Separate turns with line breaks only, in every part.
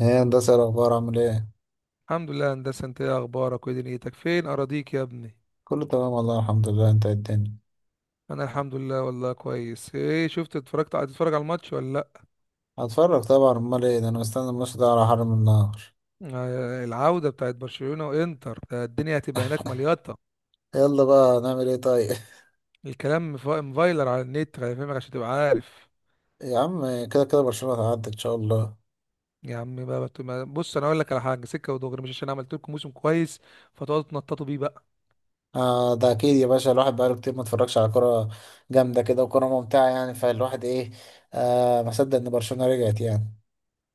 ايه هندسة، إيه الأخبار؟ عامل ايه؟
الحمد لله يا هندسة، انت ايه اخبارك وايه دنيتك؟ فين اراضيك يا ابني؟
كله تمام والله الحمد لله. انت إيه الدنيا؟
انا الحمد لله والله كويس. ايه شفت؟ اتفرجت؟ هتتفرج على الماتش ولا لا؟
هتفرج طبعا، امال ايه ده؟ انا مستني الماتش ده على حرم النهر.
العودة بتاعت برشلونة وانتر ده، الدنيا هتبقى هناك مليطة.
يلا بقى نعمل ايه طيب.
الكلام مفايلر على النت هيفهمك عشان تبقى عارف.
يا عم كده كده برشلونة هتعدي ان شاء الله.
يا عم بقى، بص انا اقول لك على حاجه سكه ودغري. مش عشان عملت لكم موسم كويس فتقعدوا تنططوا بيه بقى.
آه ده اكيد يا باشا، الواحد بقاله كتير ما اتفرجش على كرة جامدة كده وكرة ممتعة يعني، فالواحد ايه، آه ما صدق ان برشلونة رجعت يعني.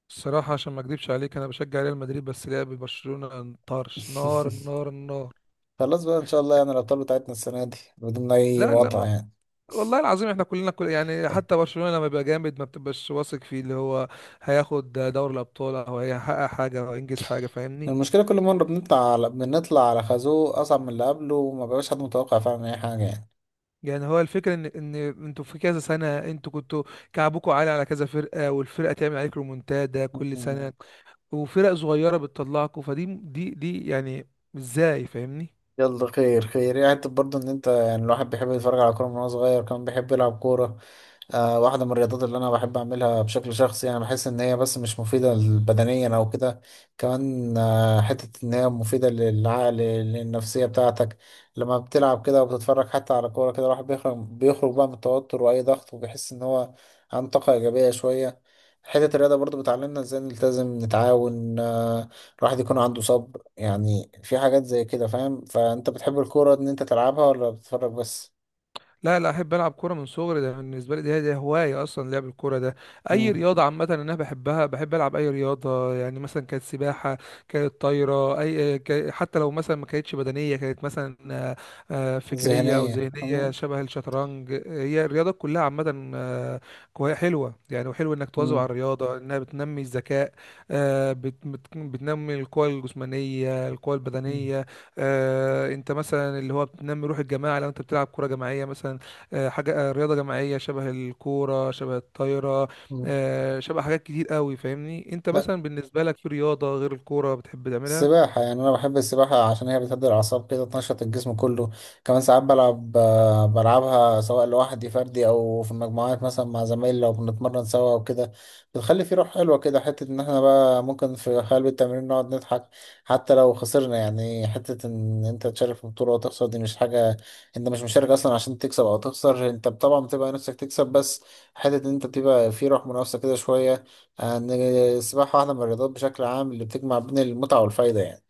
الصراحه، عشان ما اكدبش عليك، انا بشجع ريال مدريد، بس لعب برشلونه طرش نار نار نار.
خلاص بقى ان شاء الله يعني الابطال بتاعتنا السنة دي بدون اي
لا
مقاطعة
لا،
يعني.
والله العظيم احنا كلنا كل، يعني حتى برشلونة لما بيبقى جامد ما بتبقاش واثق فيه اللي هو هياخد دوري الابطال او هيحقق حاجة او ينجز حاجة، فاهمني؟
المشكلة كل مرة بنطلع على خازوق أصعب من اللي قبله، وما بقاش حد متوقع فعلا أي حاجة يعني.
يعني هو الفكرة ان انتوا في كذا سنة انتوا كنتوا كعبكم عالي على كذا فرقة، والفرقة تعمل عليك ريمونتادا كل
مم.
سنة. وفرق صغيرة بتطلعكوا فدي دي دي، يعني ازاي فاهمني؟
يلا خير خير يعني. انت برضه ان انت يعني الواحد بيحب يتفرج على كوره من وهو صغير، كمان بيحب يلعب كوره. آه واحده من الرياضات اللي انا بحب اعملها بشكل شخصي، يعني بحس ان هي بس مش مفيده بدنيا او كده، كمان آه حته ان هي مفيده للعقل للنفسيه بتاعتك. لما بتلعب كده وبتتفرج حتى على كوره كده الواحد بيخرج بقى من التوتر واي ضغط، وبيحس ان هو عنده طاقه ايجابيه شويه. حته الرياضه برضه بتعلمنا ازاي نلتزم نتعاون، الواحد يكون عنده صبر يعني، في حاجات زي كده فاهم. فانت بتحب الكورة ان انت تلعبها ولا بتتفرج بس؟
لا لا، احب العب كوره من صغري. ده بالنسبه لي دي هوايه اصلا، لعب الكوره ده. اي
مم.
رياضه عامه انا بحبها، بحب العب اي رياضه. يعني مثلا كانت سباحه، كانت طايره، اي حتى لو مثلا ما كانتش بدنيه كانت مثلا فكريه او
ذهنية.
ذهنيه
مم.
شبه الشطرنج. هي الرياضه كلها عامه، حلوه يعني، وحلو انك تواظب على
مم.
الرياضه انها بتنمي الذكاء. بتنمي القوى الجسمانيه، القوى
مم.
البدنيه. انت مثلا اللي هو بتنمي روح الجماعه لو انت بتلعب كوره جماعيه مثلا، حاجه، رياضه جماعيه شبه الكوره شبه الطايره،
مم.
شبه حاجات كتير قوي. فاهمني، انت
لا.
مثلا بالنسبه لك في رياضه غير الكوره بتحب تعملها؟
السباحة يعني أنا بحب السباحة عشان هي بتهدي الأعصاب كده، تنشط الجسم كله. كمان ساعات بلعب، بلعبها سواء لوحدي فردي أو في المجموعات مثلا مع زمايلي لو بنتمرن سوا وكده. بتخلي في روح حلوة كده، حتة إن احنا بقى ممكن في قلب التمرين نقعد نضحك حتى لو خسرنا يعني. حتة إن أنت تشارك في بطولة وتخسر دي مش حاجة. أنت مش مشارك أصلا عشان تكسب أو تخسر، أنت طبعا بتبقى نفسك تكسب، بس حتة إن أنت بتبقى في روح منافسة كده شوية. ان السباحه واحده من الرياضات بشكل عام اللي بتجمع بين المتعه والفايده يعني.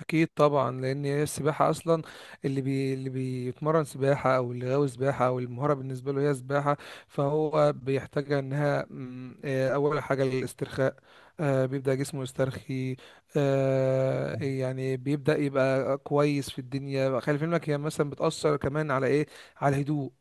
اكيد طبعا. لان هي السباحه اصلا اللي بيتمرن سباحه، او اللي غاوي سباحه، او المهاره بالنسبه له هي سباحه. فهو بيحتاج انها اول حاجه الاسترخاء. بيبدا جسمه يسترخي. يعني بيبدا يبقى كويس في الدنيا. خلي في علمك هي مثلا بتاثر كمان على ايه؟ على الهدوء.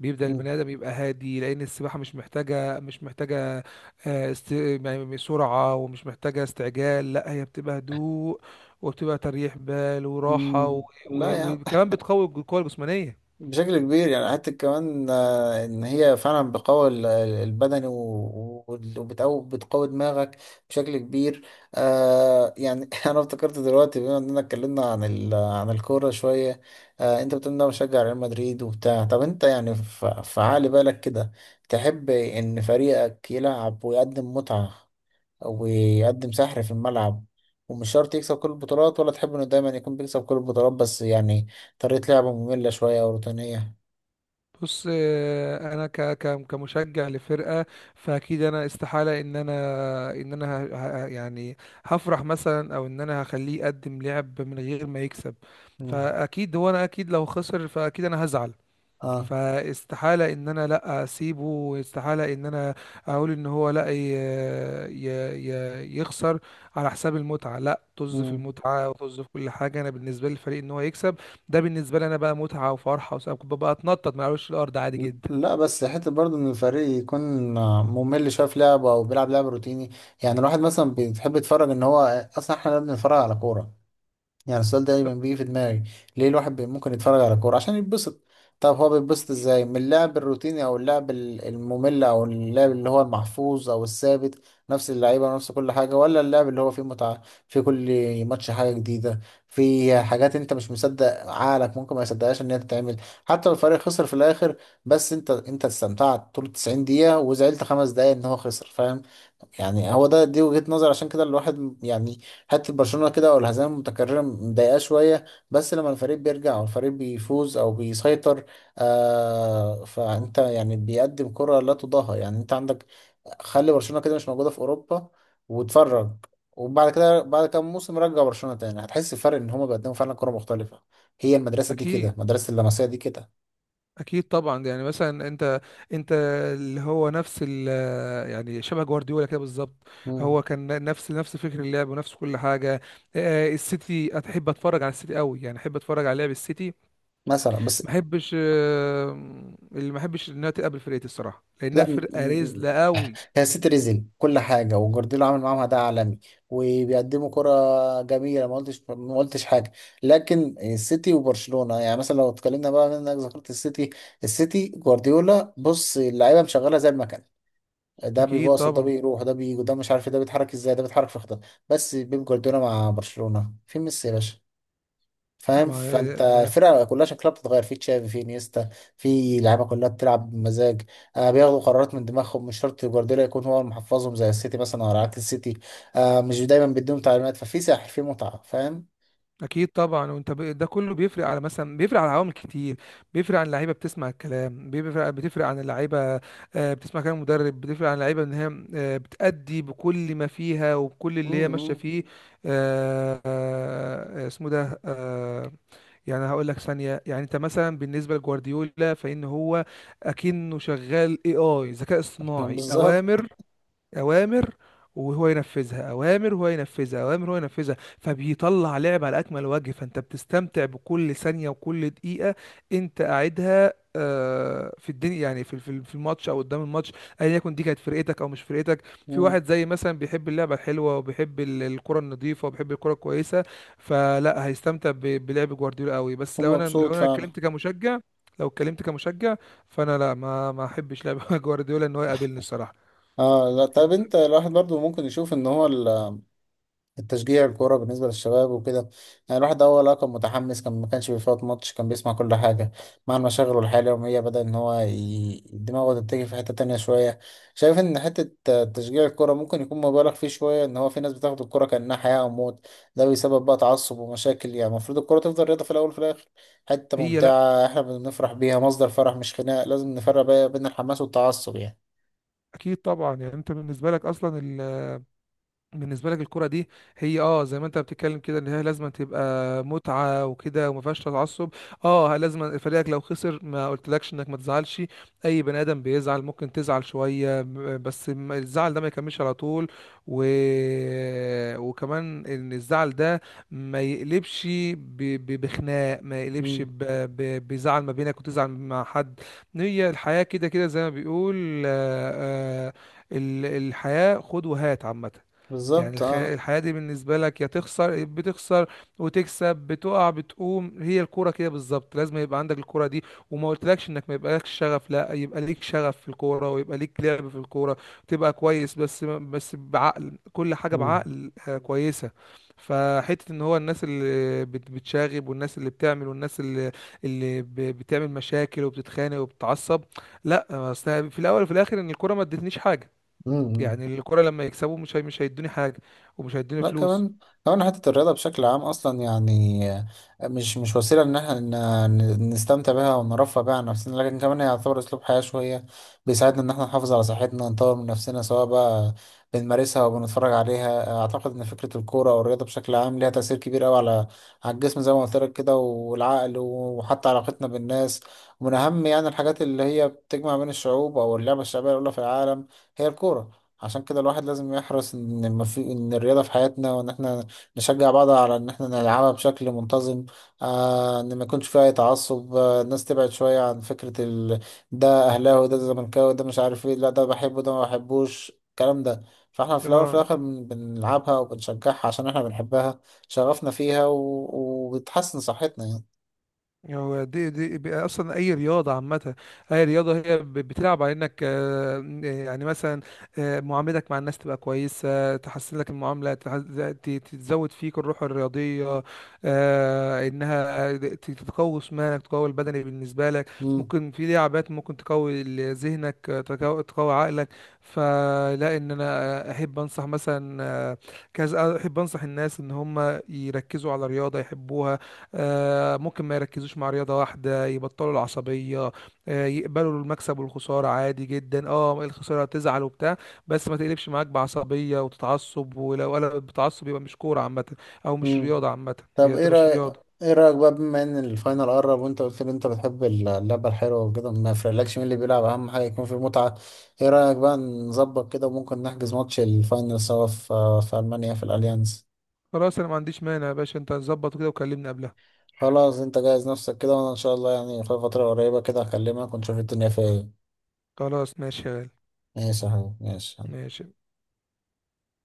بيبدأ
مم.
البني آدم يبقى هادي، لأن السباحة مش محتاجة يعني سرعة، ومش محتاجة استعجال. لا هي بتبقى هدوء، وبتبقى تريح بال وراحة،
مم، لا يعني.
وكمان بتقوي القوة الجسمانية.
بشكل كبير يعني، حتى كمان ان هي فعلا بتقوي البدني و- و- وبتقوي بتقوي دماغك بشكل كبير. آه يعني انا افتكرت دلوقتي بما اننا اتكلمنا عن عن الكوره شويه. آه انت بتقول إن انا بشجع ريال مدريد وبتاع، طب انت يعني في عقل بالك كده تحب ان فريقك يلعب ويقدم متعه ويقدم سحر في الملعب ومش شرط يكسب كل البطولات، ولا تحب انه دايما يكون بيكسب كل البطولات بس يعني طريقة لعبه مملة شوية او روتينية؟
بص، انا كمشجع لفرقه، فاكيد انا استحاله ان انا يعني هفرح مثلا او ان انا هخليه يقدم لعب من غير ما يكسب.
مم.
فاكيد هو انا اكيد، لو خسر فاكيد انا هزعل.
اه.
فاستحالة ان انا لا اسيبه، واستحالة ان انا اقول ان هو لا ي... يخسر على حساب المتعة. لا، طز في
مم.
المتعة وطز في كل حاجة، انا بالنسبة لي الفريق ان هو يكسب. ده بالنسبة لي انا بقى متعة وفرحة، وسبب ببقى اتنطط ما اقولش الارض عادي جدا.
لا بس حتة برضه إن الفريق يكون ممل شوية في لعبه أو بيلعب لعب روتيني. يعني الواحد مثلا بيحب يتفرج إن هو أصلا، إحنا لا بنتفرج على كورة يعني؟ السؤال ده
لا،
دايما بيجي في دماغي. ليه الواحد ممكن يتفرج على كورة عشان يتبسط؟ طب هو بيتبسط ازاي من اللعب الروتيني او اللعب الممل او اللعب اللي هو المحفوظ او الثابت، نفس اللعيبة ونفس كل حاجة، ولا اللعب اللي هو فيه متعة في كل ماتش حاجة جديدة، في حاجات انت مش مصدق عقلك ممكن ما يصدقهاش ان هي تتعمل؟ حتى لو الفريق خسر في الاخر، بس انت انت استمتعت طول 90 دقيقة وزعلت 5 دقايق ان هو خسر فاهم يعني. هو ده دي وجهة نظر، عشان كده الواحد يعني حته برشلونه كده او الهزائم المتكرره مضايقاه شويه، بس لما الفريق بيرجع او الفريق بيفوز او بيسيطر آه فانت يعني بيقدم كره لا تضاهى. يعني انت عندك، خلي برشلونه كده مش موجوده في اوروبا واتفرج، وبعد كده بعد كام موسم رجع برشلونه تاني هتحس الفرق ان هما بيقدموا فعلا كره مختلفه. هي المدرسه دي
اكيد
كده، مدرسه اللمسيه دي كده.
اكيد طبعا. يعني مثلا، انت اللي هو نفس ال يعني شبه جوارديولا كده بالظبط.
مم.
هو كان نفس فكر اللعب ونفس كل حاجه. السيتي، احب اتفرج على السيتي قوي يعني، احب اتفرج على لعب السيتي.
مثلا بس.
ما احبش، اللي ما احبش انها تقابل فرقتي الصراحه، لانها
لا.
فرقه رزله قوي.
هي سيتي كل حاجه وجوارديولا عامل معاهم اداء عالمي وبيقدموا كره جميله، ما قلتش حاجه. لكن السيتي وبرشلونه يعني مثلا لو اتكلمنا بقى من انك ذكرت السيتي، السيتي جوارديولا بص اللعيبه مشغله زي المكنه، ده
اكيد
بيباص وده
طبعا،
بيروح وده بيجي وده مش عارف إيه، ده بيتحرك ازاي ده بيتحرك في خطه. بس بيب جوارديولا مع برشلونه في ميسي يا باشا، فاهم.
طبعاً.
فانت
ده
الفرقه كلها شكلها بتتغير، في تشافي، في انيستا، في لعيبه كلها بتلعب بمزاج، آه بياخدوا قرارات من دماغهم، مش شرط جوارديولا يكون هو اللي محفظهم زي السيتي مثلا، او عكس السيتي آه مش دايما بيديهم تعليمات، ففي سحر في متعه فاهم.
اكيد طبعا. وانت ده كله بيفرق على مثلا، بيفرق على عوامل كتير. بيفرق عن اللعيبه بتسمع الكلام، بتفرق عن اللعيبه، بتسمع كلام المدرب، بتفرق عن اللعيبه ان هي بتأدي بكل ما فيها وبكل
مم.
اللي هي ماشيه
مم.
فيه. اسمه ده، يعني هقول لك ثانيه. يعني انت مثلا بالنسبه لجوارديولا، فان هو اكنه شغال اي ذكاء اصطناعي.
بالظبط.
اوامر، اوامر وهو ينفذها، اوامر وهو ينفذها، اوامر وهو ينفذها، فبيطلع لعب على اكمل وجه، فانت بتستمتع بكل ثانيه وكل دقيقه انت قاعدها في الدنيا. يعني في الماتش او قدام الماتش، ايا يكن دي كانت فرقتك او مش فرقتك. في
مم.
واحد زي مثلا بيحب اللعبه الحلوه، وبيحب الكره النظيفه، وبيحب الكره الكويسه، فلا هيستمتع بلعب جوارديولا قوي. بس لو انا لو
ومبسوط
انا
فعلا.
اتكلمت كمشجع، لو اتكلمت كمشجع، فانا لا ما احبش لعب جوارديولا ان هو يقابلني الصراحه.
اه. لا طب انت الواحد برضو ممكن يشوف ان هو ال التشجيع الكورة بالنسبة للشباب وكده، يعني الواحد أول كان متحمس كان ما كانش بيفوت ماتش كان بيسمع كل حاجة، مع المشاغل والحياة اليومية بدأ إن هو دماغه تتجه في حتة تانية شوية. شايف إن حتة تشجيع الكورة ممكن يكون مبالغ فيه شوية، إن هو في ناس بتاخد الكورة كأنها حياة أو موت، ده بيسبب بقى تعصب ومشاكل. يعني المفروض الكورة تفضل رياضة في الأول وفي الآخر، حتة
هي
ممتعة إحنا بنفرح بيها، مصدر فرح مش خناق، لازم نفرق بقى بين الحماس والتعصب يعني.
اكيد طبعا. يعني انت بالنسبه لك اصلا، بالنسبه لك الكرة دي، هي اه، زي ما انت بتتكلم كده ان هي لازم تبقى متعة وكده، وما فيهاش تعصب. اه، لازم فريقك لو خسر ما قلتلكش انك ما تزعلش. اي بني ادم بيزعل، ممكن تزعل شوية، ب- بس ما- الزعل ده ما يكملش على طول، و... وكمان ان الزعل ده ما يقلبش ب... بخناق، ما يقلبش
مم.
بزعل ما بينك، وتزعل مع حد. هي الحياة كده كده، زي ما بيقول، الحياة خد وهات عامة. يعني
بالظبط اه.
الحياة دي بالنسبة لك يا تخسر بتخسر وتكسب، بتقع بتقوم. هي الكورة كده بالظبط، لازم يبقى عندك الكورة دي، وما قلتلكش انك ما يبقالكش شغف، لا يبقى ليك شغف في الكورة ويبقى ليك لعب في الكورة، تبقى كويس. بس بعقل، كل حاجة
مم.
بعقل كويسة. فحتة ان هو الناس بتشاغب، والناس اللي بتعمل، والناس اللي بتعمل مشاكل وبتتخانق وبتتعصب، لا، أصل في الاول وفي الاخر ان الكورة ما ادتنيش حاجة.
مم.
يعني الكرة لما يكسبوا مش هيدوني حاجة، ومش هيدوني
لا
فلوس.
كمان. كمان حتة الرياضة بشكل عام أصلا يعني مش مش وسيلة إن احنا نستمتع بها ونرفه بيها عن نفسنا، لكن كمان هي يعتبر أسلوب حياة شوية بيساعدنا إن احنا نحافظ على صحتنا ونطور من نفسنا سواء بقى بنمارسها أو بنتفرج عليها. أعتقد إن فكرة الكورة أو الرياضة بشكل عام ليها تأثير كبير أوي على على الجسم زي ما قلت لك كده والعقل وحتى علاقتنا بالناس. ومن أهم يعني الحاجات اللي هي بتجمع بين الشعوب أو اللعبة الشعبية الأولى في العالم هي الكورة. عشان كده الواحد لازم يحرص ان ما في ان الرياضه في حياتنا، وان احنا نشجع بعض على ان احنا نلعبها بشكل منتظم. آه ان ما يكونش فيها اي تعصب، آه الناس تبعد شويه عن فكره ال... ده اهلاوي ده زملكاوي ده مش عارف ايه، لا ده بحبه ده ما بحبوش الكلام ده. فاحنا في الاول وفي
اه،
الاخر بنلعبها وبنشجعها عشان احنا بنحبها، شغفنا فيها و... وبتحسن صحتنا يعني.
هو دي بقى اصلا اي رياضه عامه. اي رياضه هي بتلعب على انك يعني مثلا، معاملتك مع الناس تبقى كويسه، تحسن لك المعامله، تزود فيك الروح الرياضيه، انها تقوي جسمانك، تقوي البدني بالنسبه لك.
مم.
ممكن في لعبات ممكن تقوي ذهنك، تقوي عقلك. فلا، ان انا احب انصح مثلا كذا، احب انصح الناس ان هم يركزوا على رياضه يحبوها، ممكن ما يركزوش مع رياضة واحدة، يبطلوا العصبية، يقبلوا المكسب والخسارة عادي جدا. اه الخسارة هتزعل وبتاع، بس ما تقلبش معاك بعصبية وتتعصب. ولو قلبت بتعصب يبقى مش كورة عامة، او مش
مم.
رياضة عامة،
طب
هي
ايه
تبقاش
رأيك،
رياضة.
ايه رأيك بقى بما ان الفاينل قرب وانت قلت لي انت بتحب اللعبة الحلوة وكده ما يفرقلكش مين اللي بيلعب، اهم حاجة يكون في متعة. ايه رأيك بقى نظبط كده وممكن نحجز ماتش الفاينل سوا في ألمانيا في الأليانز.
خلاص، انا ما عنديش مانع يا باشا. انت ظبط كده وكلمني قبلها.
خلاص انت جهز نفسك كده، وانا ان شاء الله يعني في فترة قريبة كده هكلمك ونشوف الدنيا فيها ايه.
خلاص ماشي يا غالي.
ماشي يا حبيبي ماشي.
ماشي.